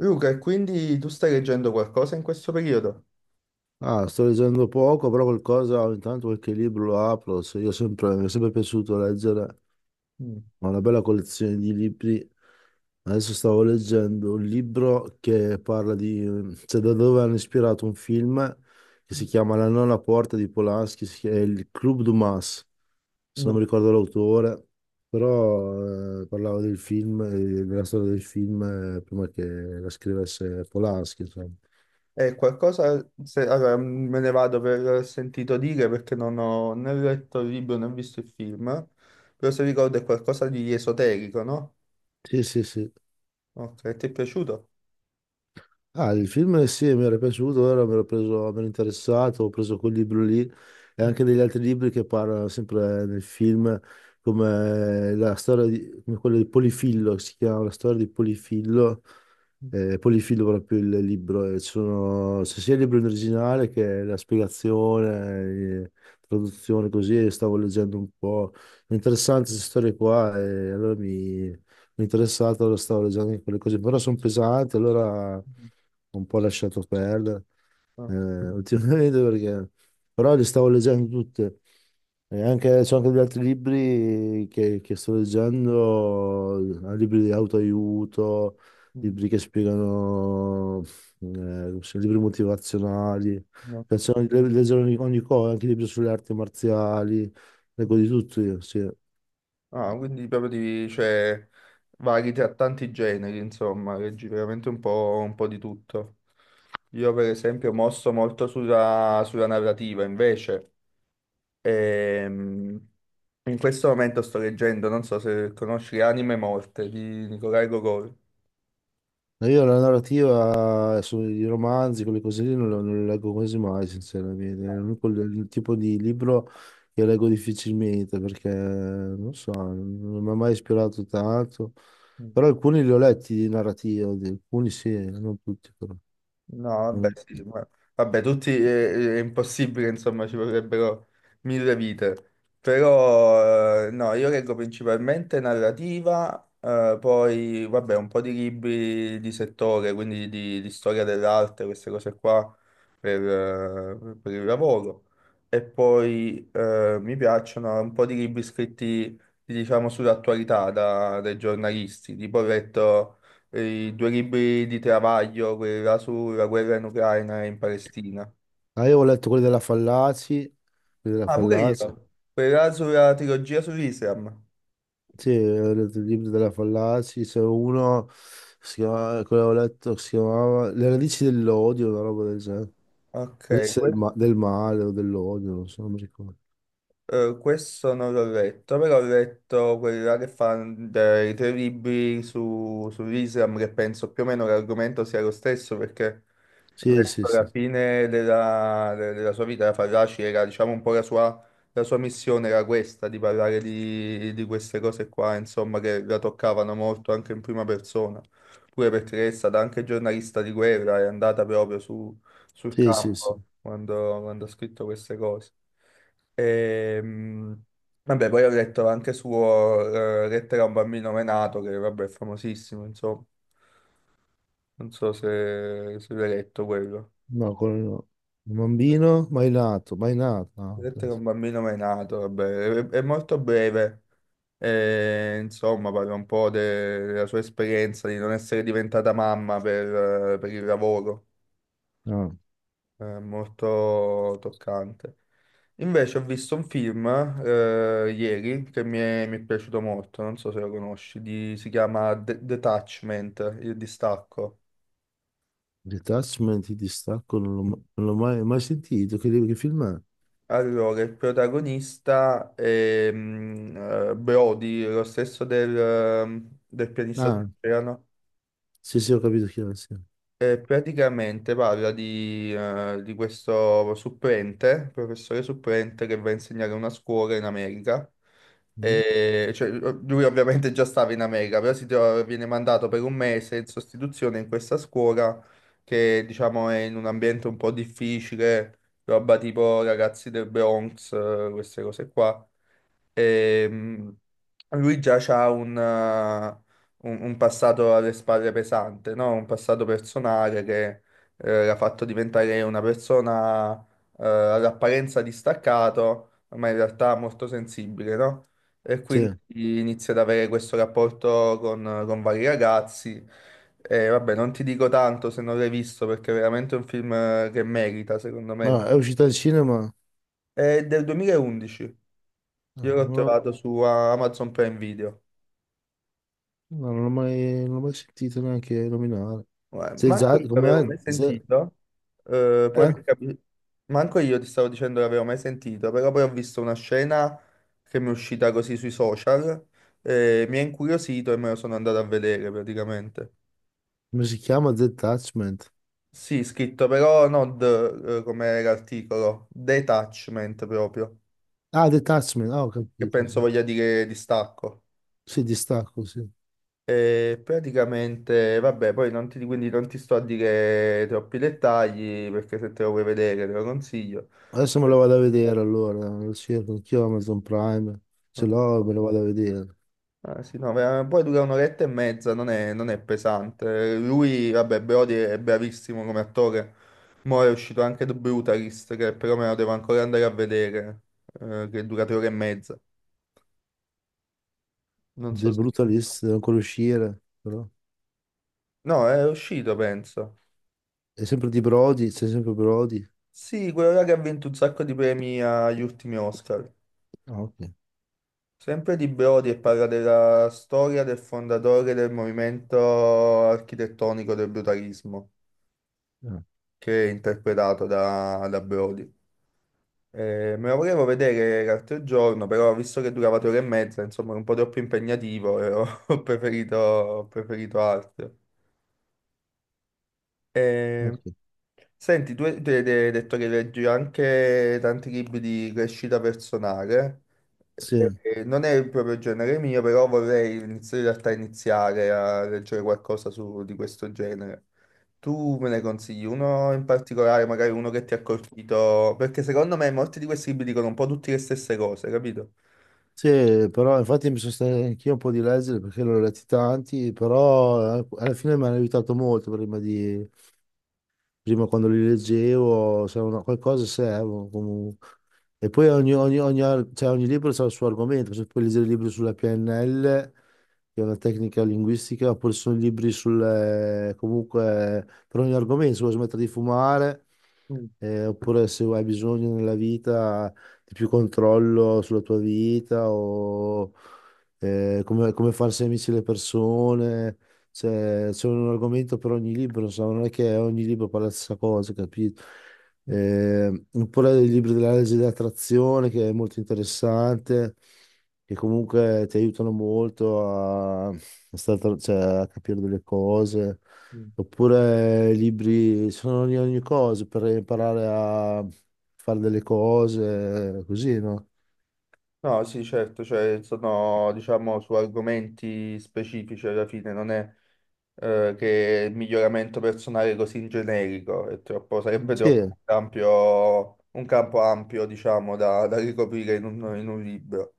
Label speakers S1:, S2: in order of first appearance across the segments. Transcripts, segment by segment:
S1: Luca, e quindi tu stai leggendo qualcosa in questo periodo?
S2: Ah, sto leggendo poco, però qualcosa, ogni tanto qualche libro lo apro. Io sempre, mi è sempre piaciuto leggere,
S1: Mm.
S2: ho una bella collezione di libri. Adesso stavo leggendo un libro che parla di, cioè da dove hanno ispirato un film che si chiama La nona porta di Polanski, è il Club Dumas, se non
S1: No.
S2: mi ricordo l'autore, però parlava del film, della storia del film prima che la scrivesse Polanski, insomma.
S1: Qualcosa, allora, me ne vado per sentito dire perché non ho né letto il libro né visto il film, però se ricordo è qualcosa di esoterico, no?
S2: Sì, sì, sì.
S1: Ok, ti è piaciuto?
S2: Ah, il film sì, mi era piaciuto, ora mi ero preso, mi ero interessato, ho preso quel libro lì e
S1: Mm,
S2: anche degli altri libri che parlano sempre nel film, come la storia di, come quello di Polifillo, si chiama La storia di Polifillo,
S1: mm,
S2: Polifillo proprio il libro, e ci sono, c'è sia il libro in originale che la spiegazione, traduzione così, e stavo leggendo un po', è interessante queste storie qua e allora mi interessato, lo stavo leggendo anche quelle cose, però sono pesanti, allora ho
S1: mm.
S2: un po' lasciato perdere eh,
S1: Ok,
S2: ultimamente perché. Però le stavo leggendo tutte. E anche, c'ho anche degli altri libri che sto leggendo, libri di autoaiuto,
S1: mm,
S2: libri che spiegano, eh, libri motivazionali. Mi
S1: ok.
S2: piacciono di leggere ogni cosa, anche libri sulle arti marziali, leggo di tutto io, sì.
S1: Ah, quindi proprio di, cioè, vari tra tanti generi, insomma, leggi veramente un po' di tutto. Io per esempio mosso molto sulla, sulla narrativa, invece. Ehm, In questo momento sto leggendo, non so se conosci Anime Morte di Nikolai Gogol.
S2: No, io la narrativa sui romanzi, quelle cose lì, non, non le leggo quasi mai, sinceramente. È l'unico il tipo di libro che leggo difficilmente perché, non so, non mi ha mai ispirato tanto. Però alcuni li ho letti di narrativa, alcuni sì, non tutti però.
S1: No, vabbè,
S2: Mm.
S1: sì, vabbè, tutti è, impossibile, insomma, ci vorrebbero mille vite. Però, no, io leggo principalmente narrativa, poi, vabbè, un po' di libri di settore, quindi di storia dell'arte, queste cose qua, per il lavoro. E poi mi piacciono un po' di libri scritti, diciamo, sull'attualità dai giornalisti, tipo ho letto e i due libri di Travaglio, quella sulla guerra in Ucraina e in Palestina.
S2: Ah, io ho letto quelli della Fallaci, quelli della
S1: Ah, pure
S2: Fallaci.
S1: io. Quella sulla trilogia sull'Islam.
S2: Sì, ho letto il libro della Fallaci, c'è uno, quello che ho letto, che si chiamava Le radici dell'odio, una roba del genere.
S1: Ok,
S2: Deve essere del,
S1: que-
S2: del male o dell'odio, non so, non mi ricordo.
S1: Questo non l'ho letto, però ho letto quella che fa dei tre libri sull'Islam, che penso più o meno l'argomento sia lo stesso, perché
S2: Sì, sì,
S1: verso
S2: sì.
S1: la fine della sua vita, Farraci era, diciamo, un po' la sua missione era questa, di parlare di queste cose qua, insomma, che la toccavano molto anche in prima persona, pure perché è stata anche giornalista di guerra, è andata proprio sul
S2: Sì, sì, sì.
S1: campo quando, quando ha scritto queste cose. Ehm, Vabbè, poi ho letto anche suo Lettera a un bambino menato, che vabbè, è famosissimo, insomma, non so se l'hai letto quello.
S2: No, quello no. Un bambino mai nato, mai nato. Ah, ok.
S1: Vedete che un bambino mai nato, vabbè, è molto breve. E, insomma, parla un po' della sua esperienza di non essere diventata mamma per il lavoro.
S2: Ah,
S1: È molto toccante. Invece ho visto un film ieri che mi è piaciuto molto, non so se lo conosci, si chiama Detachment, il distacco.
S2: detachment, il distacco, non l'ho non l'ho mai sentito. Che film è?
S1: Allora, il protagonista è Brody, lo stesso del pianista.
S2: Ah, sì, sì, ho capito chi è. Sì.
S1: E praticamente parla di questo supplente, professore supplente che va a insegnare a una scuola in America.
S2: Mm?
S1: E, cioè, lui ovviamente già stava in America, però viene mandato per un mese in sostituzione in questa scuola che diciamo è in un ambiente un po' difficile, roba tipo ragazzi del Bronx, queste cose qua. Ehm, Lui già ha un passato alle spalle pesante, no? Un passato personale che l'ha fatto diventare una persona all'apparenza distaccato, ma in realtà molto sensibile, no? E quindi
S2: Sì.
S1: inizia ad avere questo rapporto con vari ragazzi. E vabbè, non ti dico tanto se non l'hai visto perché è veramente un film che merita, secondo me.
S2: Ma è uscita al cinema?
S1: È del 2011.
S2: No,
S1: Io l'ho
S2: non l'ho
S1: trovato su Amazon Prime Video.
S2: no, non l'ho mai sentito neanche nominare.
S1: Guarda,
S2: Sì,
S1: manco
S2: già,
S1: io l'avevo
S2: com'è?
S1: mai sentito. Poi mi
S2: Eh?
S1: è capi- Manco io ti stavo dicendo che l'avevo mai sentito, però poi ho visto una scena che mi è uscita così sui social, mi ha incuriosito e me lo sono andato a vedere praticamente.
S2: Come si chiama? Detachment.
S1: Sì, scritto però non come era l'articolo, detachment proprio,
S2: Ah, Detachment, ah, ho
S1: che
S2: capito,
S1: penso
S2: sì.
S1: voglia dire distacco.
S2: Sì, distacco, sì.
S1: E praticamente, vabbè, poi non ti, quindi non ti sto a dire troppi dettagli perché se te lo vuoi vedere te lo consiglio.
S2: Adesso me lo vado a vedere allora, lo cerco anch'io Amazon Prime, se
S1: No,
S2: l'ho me lo vado a vedere.
S1: ah, sì, no, poi dura un'oretta e mezza, non è pesante. Lui, vabbè, Brody è bravissimo come attore. Mo' è uscito anche The Brutalist, che però me lo devo ancora andare a vedere, che dura tre ore e mezza. Non
S2: The
S1: so se...
S2: Brutalist, deve ancora uscire, però.
S1: No, è uscito, penso.
S2: È sempre di Brody, c'è sempre Brody.
S1: Sì, quello là che ha vinto un sacco di premi agli ultimi Oscar.
S2: Ah, ok.
S1: Sempre di Brodi e parla della storia del fondatore del movimento architettonico del brutalismo,
S2: Ah,
S1: che è interpretato da Brodi. Me lo volevo vedere l'altro giorno, però visto che durava tre ore e mezza, insomma, è un po' troppo impegnativo e ho, ho preferito altro.
S2: ok.
S1: Eh, Senti, tu hai detto che leggi anche tanti libri di crescita personale.
S2: Sì.
S1: Non è proprio il genere mio, però vorrei in realtà iniziare a leggere qualcosa di questo genere. Tu me ne consigli uno in particolare, magari uno che ti ha colpito, perché secondo me molti di questi libri dicono un po' tutte le stesse cose, capito?
S2: Sì, però infatti mi sono stato anch'io un po' di leggere perché l'ho letti tanti, però alla fine mi hanno aiutato molto Prima quando li leggevo, se una, qualcosa servono comunque. E poi cioè, ogni libro ha il suo argomento, se puoi leggere libri sulla PNL, che è una tecnica linguistica, oppure ci sono libri sul, comunque, per ogni argomento, se vuoi smettere di fumare,
S1: Mm,
S2: oppure se hai bisogno nella vita di più controllo sulla tua vita, o come farsi amici le persone. Cioè, c'è un argomento per ogni libro, insomma, non è che ogni libro parla la stessa cosa, capito?
S1: mm,
S2: Oppure il libro della legge dell'attrazione, che è molto interessante, che comunque ti aiutano molto a cioè, a capire delle cose.
S1: mm.
S2: Oppure libri, sono ogni cosa per imparare a fare delle cose, così, no?
S1: No, sì, certo, cioè sono, diciamo, su argomenti specifici alla fine, non è che il miglioramento personale è così in generico, è troppo, sarebbe
S2: Sì.
S1: troppo ampio, un campo ampio, diciamo, da ricoprire in un libro.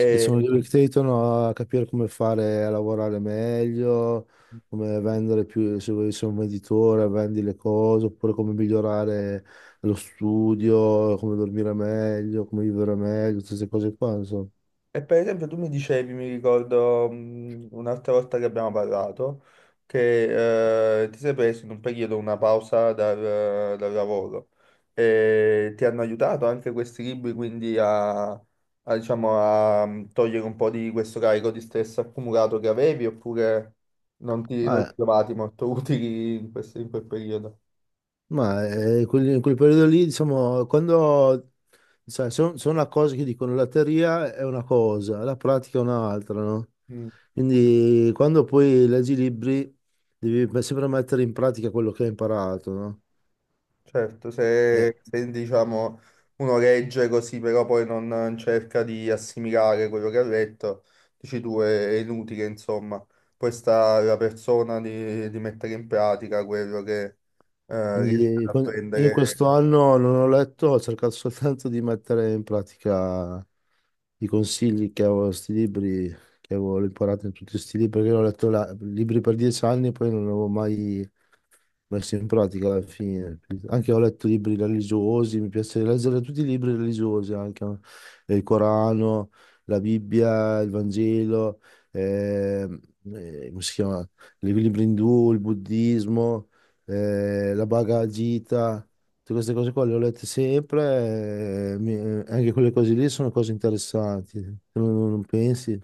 S2: Sì, sono due che ti aiutano a capire come fare a lavorare meglio, come vendere più, se vuoi essere un venditore, vendi le cose, oppure come migliorare lo studio, come dormire meglio, come vivere meglio, tutte queste cose qua, insomma.
S1: E per esempio tu mi dicevi, mi ricordo un'altra volta che abbiamo parlato, che ti sei preso in un periodo una pausa dal lavoro e ti hanno aiutato anche questi libri quindi a, diciamo, a togliere un po' di questo carico di stress accumulato che avevi oppure non ti
S2: Ah,
S1: trovati molto utili in in quel periodo?
S2: ma in quel periodo lì, diciamo, quando sai, sono una cosa che dicono la teoria è una cosa, la pratica è un'altra, no?
S1: Mm.
S2: Quindi quando poi leggi i libri devi sempre mettere in pratica quello che hai imparato, no?
S1: Certo,
S2: Eh,
S1: se, diciamo uno legge così, però poi non cerca di assimilare quello che ha letto, dici tu è inutile, insomma. Poi sta la persona di mettere in pratica quello che
S2: quindi
S1: riesce ad
S2: in
S1: apprendere.
S2: questo anno non ho letto, ho cercato soltanto di mettere in pratica i consigli che avevo, sti libri che avevo imparato in tutti questi libri, perché io ho letto libri per 10 anni e poi non li avevo mai messi in pratica alla fine. Anche ho letto libri religiosi, mi piace leggere tutti i libri religiosi, anche il Corano, la Bibbia, il Vangelo, ehm, come si chiama? I libri indù, il buddismo. La bagagita, tutte queste cose qua le ho lette sempre, anche quelle cose lì sono cose interessanti, tu non pensi?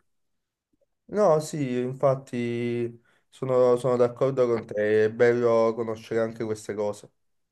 S1: No, sì, infatti sono d'accordo con te, è bello conoscere anche queste cose.